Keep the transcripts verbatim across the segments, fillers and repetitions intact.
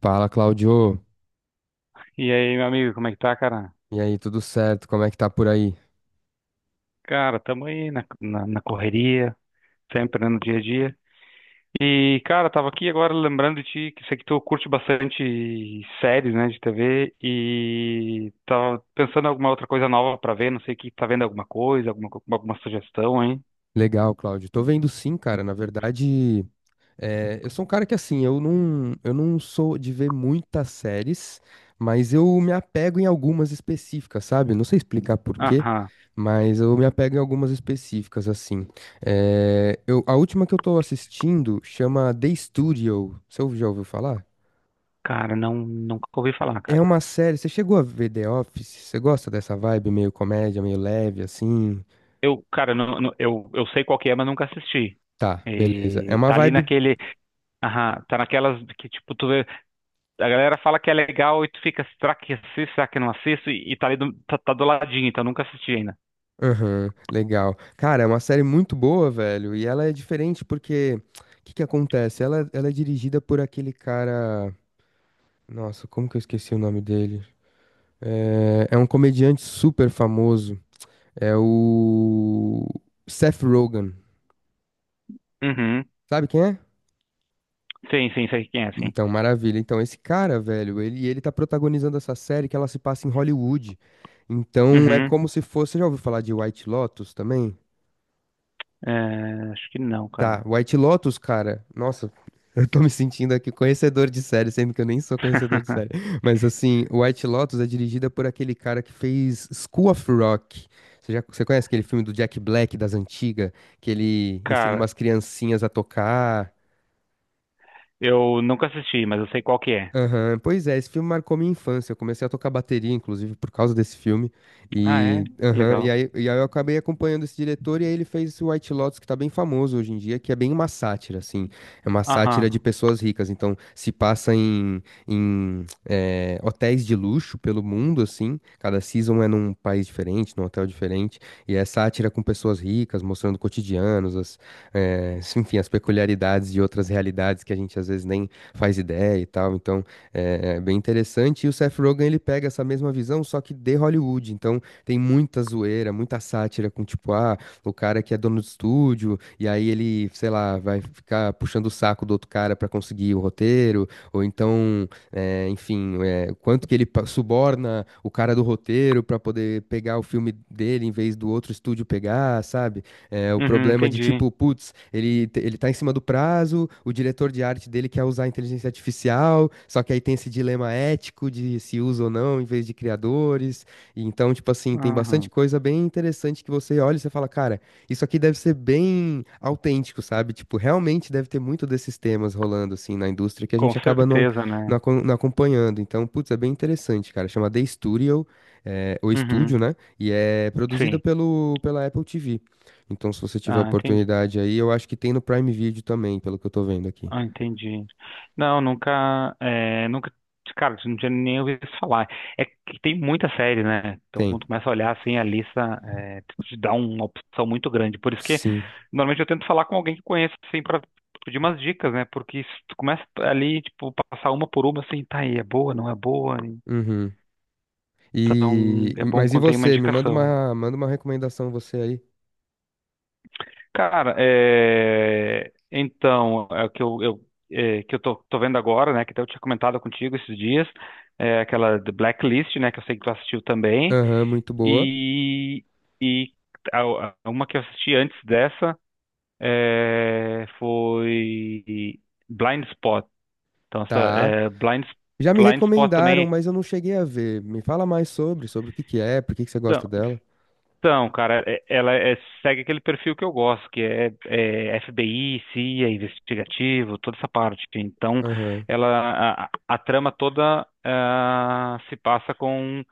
Fala, Cláudio. E aí, meu amigo, como é que tá, cara? E aí, tudo certo? Como é que tá por aí? Cara, tamo aí na, na, na correria, sempre né, no dia a dia. E, cara, tava aqui agora lembrando de ti, que sei que tu curte bastante séries, né, de T V, e tava pensando em alguma outra coisa nova pra ver, não sei que tá vendo alguma coisa, alguma, co- alguma sugestão, hein? Legal, Cláudio. Tô vendo sim, cara. Na verdade, é, eu sou um cara que assim, eu não, eu não sou de ver muitas séries, mas eu me apego em algumas específicas, sabe? Não sei explicar por quê, Aham. mas eu me apego em algumas específicas, assim. É, eu, a última que eu tô assistindo chama The Studio. Você já ouviu falar? Cara, não, nunca ouvi falar, É cara. uma série. Você chegou a ver The Office? Você gosta dessa vibe meio comédia, meio leve, assim? Eu, cara, não, não- eu, eu sei qual que é, mas nunca assisti. Tá, beleza. É E uma tá ali vibe. naquele, aham, tá naquelas que, tipo, tu vê. A galera fala que é legal e tu fica, será que assisto, será que não assisto? E, e tá ali do, tá, tá do ladinho, então nunca assisti ainda. Aham, legal. Cara, é uma série muito boa, velho. E ela é diferente porque. O que que acontece? Ela, ela é dirigida por aquele cara. Nossa, como que eu esqueci o nome dele? É, é um comediante super famoso. É o. Seth Rogen. Uhum. Sabe quem é? Sim, sim, sei quem é, sim. Então, maravilha. Então, esse cara, velho, ele, ele tá protagonizando essa série que ela se passa em Hollywood. Então, é Uhum. como se fosse. Você já ouviu falar de White Lotus também? É, acho que não, Tá, cara. White Lotus, cara. Nossa, eu tô me sentindo aqui conhecedor de série, sendo que eu nem sou conhecedor de série. Mas assim, White Lotus é dirigida por aquele cara que fez School of Rock. Você já, você conhece aquele filme do Jack Black das antigas, que ele ensina Cara, umas criancinhas a tocar? eu nunca assisti, mas eu sei qual que é. Aham, pois é, esse filme marcou minha infância. Eu comecei a tocar bateria, inclusive, por causa desse filme. Ah, é? E, Que aham, e, legal. aí, e aí eu acabei acompanhando esse diretor, e aí ele fez esse White Lotus, que tá bem famoso hoje em dia, que é bem uma sátira, assim. É uma sátira de Aham. pessoas ricas. Então, se passa em, em eh, hotéis de luxo pelo mundo, assim. Cada season é num país diferente, num hotel diferente. E é sátira com pessoas ricas, mostrando cotidianos, as, eh, enfim, as peculiaridades de outras realidades que a gente às vezes nem faz ideia e tal. Então. É, é bem interessante. E o Seth Rogen, ele pega essa mesma visão, só que de Hollywood. Então, tem muita zoeira, muita sátira com, tipo, ah, o cara que é dono do estúdio, e aí ele, sei lá, vai ficar puxando o saco do outro cara pra conseguir o roteiro, ou então, é, enfim, é, quanto que ele pa- suborna o cara do roteiro pra poder pegar o filme dele em vez do outro estúdio pegar, sabe? É, o Uhum, problema de entendi. tipo, putz, ele, te- ele tá em cima do prazo, o diretor de arte dele quer usar a inteligência artificial, só que aí tem esse dilema ético de se usa ou não em vez de criadores. E então, tipo assim, tem bastante Aham. coisa bem interessante que você olha e você fala, cara, isso aqui deve ser bem autêntico, sabe? Tipo, realmente deve ter muito desses temas rolando assim na indústria que a Com gente acaba não, certeza, não, né? acom- não acompanhando. Então, putz, é bem interessante, cara. Chama The Studio, é, o Uhum. estúdio, né? E é produzido Sim. pelo, pela Apple T V. Então, se você tiver Ah, entendi. oportunidade aí, eu acho que tem no Prime Video também, pelo que eu tô vendo aqui. Ah, entendi. Não, nunca, é, nunca, cara, não tinha nem ouvido falar. É que tem muita série, né? Então, Tem. quando começa a olhar assim a lista, é, te dá uma opção muito grande. Por isso que Sim. normalmente eu tento falar com alguém que conheça, assim, para pedir umas dicas, né? Porque se tu começa ali, tipo, passar uma por uma, assim, tá aí, é boa, não é boa. Uhum. Então, E é e- bom mas e quando tem uma você? Me manda indicação. uma, manda uma recomendação você aí. Cara, é... então, é o que eu, eu, é, que eu tô, tô vendo agora, né? Que até eu tinha comentado contigo esses dias, é aquela The Blacklist, né? Que eu sei que tu assistiu também. Aham, muito boa. E, e a- a- uma que eu assisti antes dessa é, foi Blind Spot. Então, essa, Tá. é, Blind, Já me Blind Spot recomendaram, também. mas eu não cheguei a ver. Me fala mais sobre, sobre o que que é, por que que você gosta dela. Então, cara, é- ela é- segue aquele perfil que eu gosto, que é, é F B I, C I A, investigativo, toda essa parte. Então, Aham. ela, a, a trama toda ah, se passa com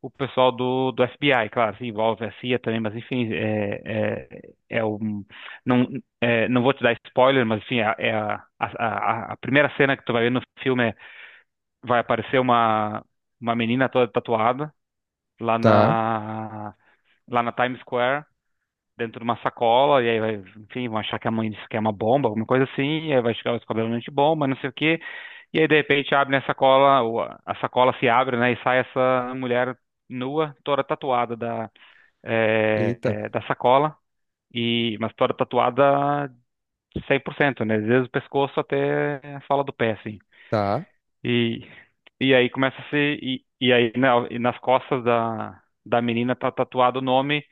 o pessoal do, do F B I, claro, se envolve a C I A também, mas enfim, é, é, é um, não, é, não vou te dar spoiler, mas enfim, é, é a, a, a a primeira cena que tu vai ver no filme é, vai aparecer uma, uma menina toda tatuada lá Tá. na, lá na Times Square dentro de uma sacola, e aí vai, enfim, vão achar que a mãe disse que é uma bomba, alguma coisa assim, e aí vai chegar o descobrimento de bomba, não sei o quê, e aí de repente abre a sacola, ou a a sacola se abre, né, e sai essa mulher nua, toda tatuada da, é, Eita. é, da sacola, e, mas toda tatuada cem por cento né, desde o pescoço até a sola do pé, assim. Tá. E, e aí começa a se, e, e aí na- e nas costas da, da menina tá tatuado o nome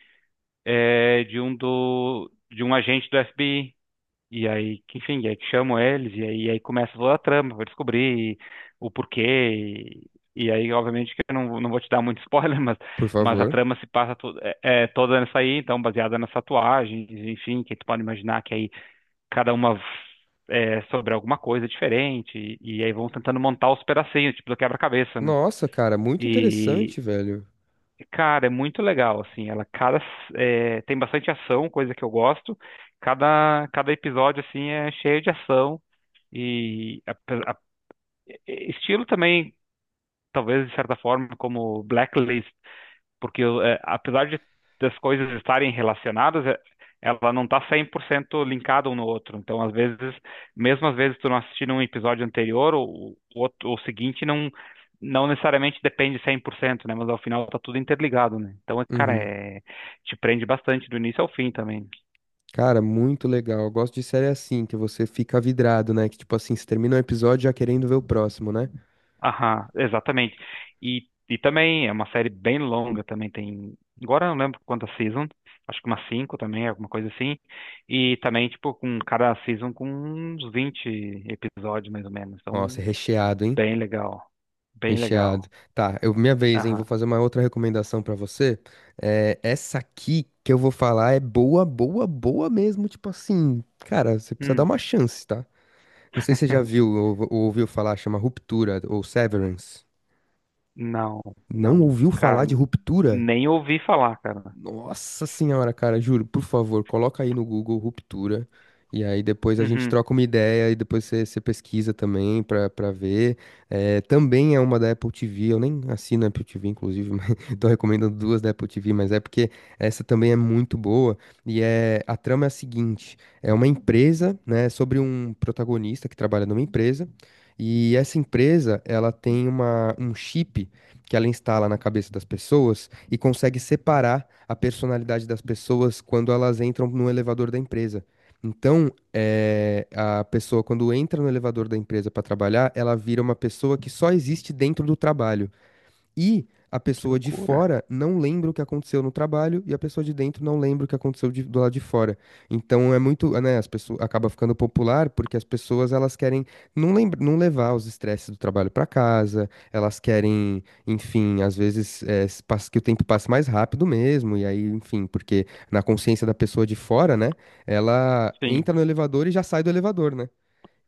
é, de um do de um agente do F B I e aí, que, enfim, e aí que chamam eles, e aí, e aí começa toda a trama pra descobrir o porquê. E, e aí, obviamente, que eu não, não vou te dar muito spoiler, mas, Por mas a favor. trama se passa to, é, é toda nessa aí, então, baseada nas tatuagens, enfim, que tu pode imaginar que aí cada uma é sobre alguma coisa diferente, e, e aí vão tentando montar os pedacinhos, tipo do quebra-cabeça, né? Nossa, cara, muito E, interessante, velho. cara, é muito legal, assim, ela cada, é, tem bastante ação, coisa que eu gosto. Cada, cada episódio, assim, é cheio de ação e ape- a- estilo também, talvez de certa forma, como Blacklist, porque eh, apesar de das coisas estarem relacionadas, eh, ela não está cem por cento linkada um no outro. Então, às vezes, mesmo às vezes tu não assistindo um episódio anterior, o, o, outro- o seguinte não não necessariamente depende cem por cento né? Mas ao final tá tudo interligado, né? Então, cara, Uhum. é, te prende bastante do início ao fim também. Cara, muito legal. Eu gosto de série assim, que você fica vidrado, né? Que tipo assim, você termina um episódio já querendo ver o próximo, né? Aham, exatamente. E, e também é uma série bem longa, também tem. Agora eu não lembro quantas seasons, acho que umas cinco também, alguma coisa assim. E também, tipo, com cada season com uns vinte episódios, mais ou menos. Nossa, Então, é recheado, hein? bem legal. Bem Recheado. legal. Tá, eu, minha vez, hein? Vou Aham. fazer uma outra recomendação pra você. É, essa aqui que eu vou falar é boa, boa, boa mesmo. Tipo assim, cara, você precisa dar Hum, uma chance, tá? Não sei se você já viu ou, ou ouviu falar, chama Ruptura ou Severance. não, Não não, ouviu falar cara, de Ruptura? nem ouvi falar, cara. Nossa senhora, cara, juro, por favor, coloca aí no Google ruptura. E aí depois a gente Uhum. troca uma ideia e depois você você pesquisa também pra, pra ver. Eh, também é uma da Apple T V, eu nem assino a Apple T V, inclusive, mas tô recomendando duas da Apple T V, mas é porque essa também é muito boa. E é, a trama é a seguinte: é uma empresa, né, sobre um protagonista que trabalha numa empresa. E essa empresa, ela tem uma, um chip que ela instala na cabeça das pessoas e consegue separar a personalidade das pessoas quando elas entram no elevador da empresa. Então, eh, a pessoa, quando entra no elevador da empresa para trabalhar, ela vira uma pessoa que só existe dentro do trabalho. E a Que pessoa de loucura. fora não lembra o que aconteceu no trabalho e a pessoa de dentro não lembra o que aconteceu de- do lado de fora. Então é muito, né, as pessoas acaba ficando popular porque as pessoas elas querem não lembra, não levar os estresses do trabalho para casa, elas querem, enfim, às vezes é, s- pas- que o tempo passe mais rápido mesmo e aí, enfim, porque na consciência da pessoa de fora, né, ela Sim, entra no elevador e já sai do elevador, né?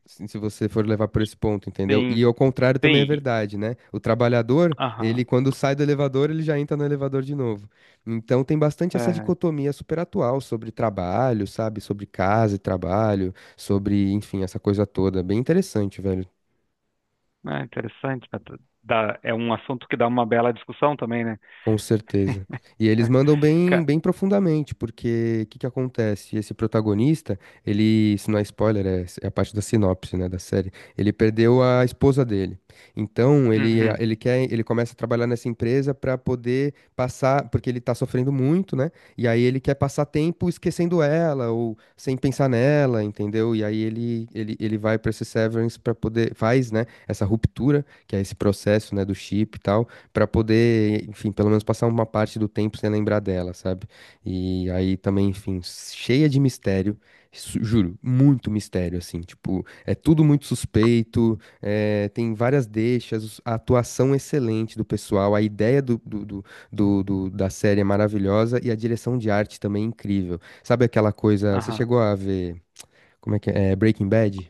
Se se você for levar por esse ponto, entendeu? sim, E ao contrário também é sim. verdade, né? O trabalhador, ele Aham. quando sai do elevador, ele já entra no elevador de novo. Então tem bastante essa É. dicotomia super atual sobre trabalho, sabe? Sobre casa e trabalho, sobre, enfim, essa coisa toda. Bem interessante, velho. Ah, interessante. Dá- é um assunto que dá uma bela discussão também, né? Com certeza. E eles mandam bem, Ca- bem profundamente, porque o que que acontece? Esse protagonista, ele, se não é spoiler, é, é a parte da sinopse, né, da série. Ele perdeu a esposa dele. Então, ele, Uhum, ele quer, ele começa a trabalhar nessa empresa para poder passar, porque ele tá sofrendo muito, né? E aí ele quer passar tempo esquecendo ela ou sem pensar nela, entendeu? E aí ele ele, ele vai para esse Severance para poder faz, né, essa ruptura, que é esse processo, né, do chip e tal. Pra poder, enfim, pelo menos passar uma parte do tempo sem lembrar dela, sabe? E aí também, enfim, cheia de mistério, su- juro, muito mistério, assim, tipo, é tudo muito suspeito, é, tem várias deixas, os- a atuação excelente do pessoal, a ideia do, do, do, do- do- da série é maravilhosa e a direção de arte também é incrível. Sabe aquela coisa, você aham. chegou a ver, como é que é, é, Breaking Bad?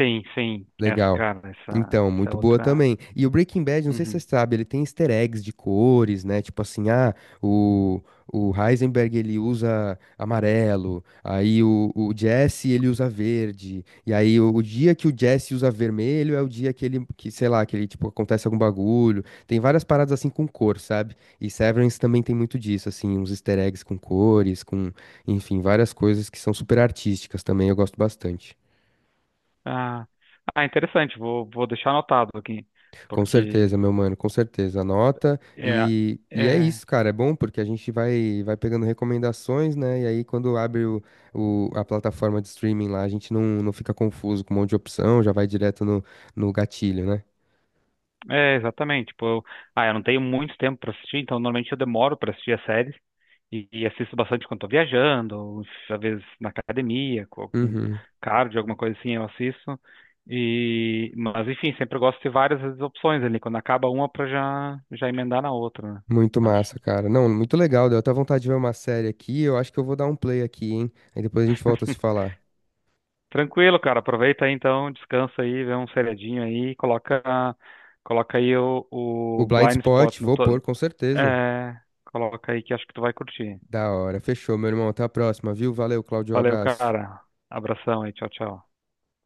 Sim, sim. Essa, Legal. cara, essa, Então, essa é muito boa outra. também. E o Breaking Bad, não sei se você Uhum. sabe, ele tem easter eggs de cores, né? Tipo assim, ah, o, o Heisenberg ele usa amarelo, aí o, o Jesse ele usa verde, e aí o, o dia que o Jesse usa vermelho é o dia que ele, que, sei lá, que ele, tipo, acontece algum bagulho. Tem várias paradas assim com cor, sabe? E Severance também tem muito disso, assim, uns easter eggs com cores, com, enfim, várias coisas que são super artísticas também, eu gosto bastante. Ah, ah, interessante. Vou, vou deixar anotado aqui, Com certeza, porque meu mano, com certeza. Anota é, e, e é é, isso, cara. É bom porque a gente vai, vai pegando recomendações, né? E aí, quando abre o, o- a plataforma de streaming lá, a gente não, não fica confuso com um monte de opção, já vai direto no, no gatilho, né? é exatamente. Tipo, eu, ah, eu não tenho muito tempo para assistir, então normalmente eu demoro para assistir as séries. E, e assisto bastante quando estou viajando, ou às vezes na academia, com algum Uhum. cardio, alguma coisa assim, eu assisto. E, mas enfim, sempre eu gosto de ter várias opções ali. Quando acaba uma, para já, já emendar na outra, né? Muito Acho. massa, cara. Não, muito legal. Deu até vontade de ver uma série aqui. Eu acho que eu vou dar um play aqui, hein? Aí depois a gente volta a se falar. Tranquilo, cara. Aproveita aí então, descansa aí, vê um seriadinho aí, coloca, coloca aí o, O o Blind Blind Spot Spot, no vou teu. pôr, com certeza. É, coloca aí que acho que tu vai curtir. Da hora. Fechou, meu irmão. Até a próxima, viu? Valeu, Claudio. Valeu, Abraço. cara. Abração aí, tchau, tchau.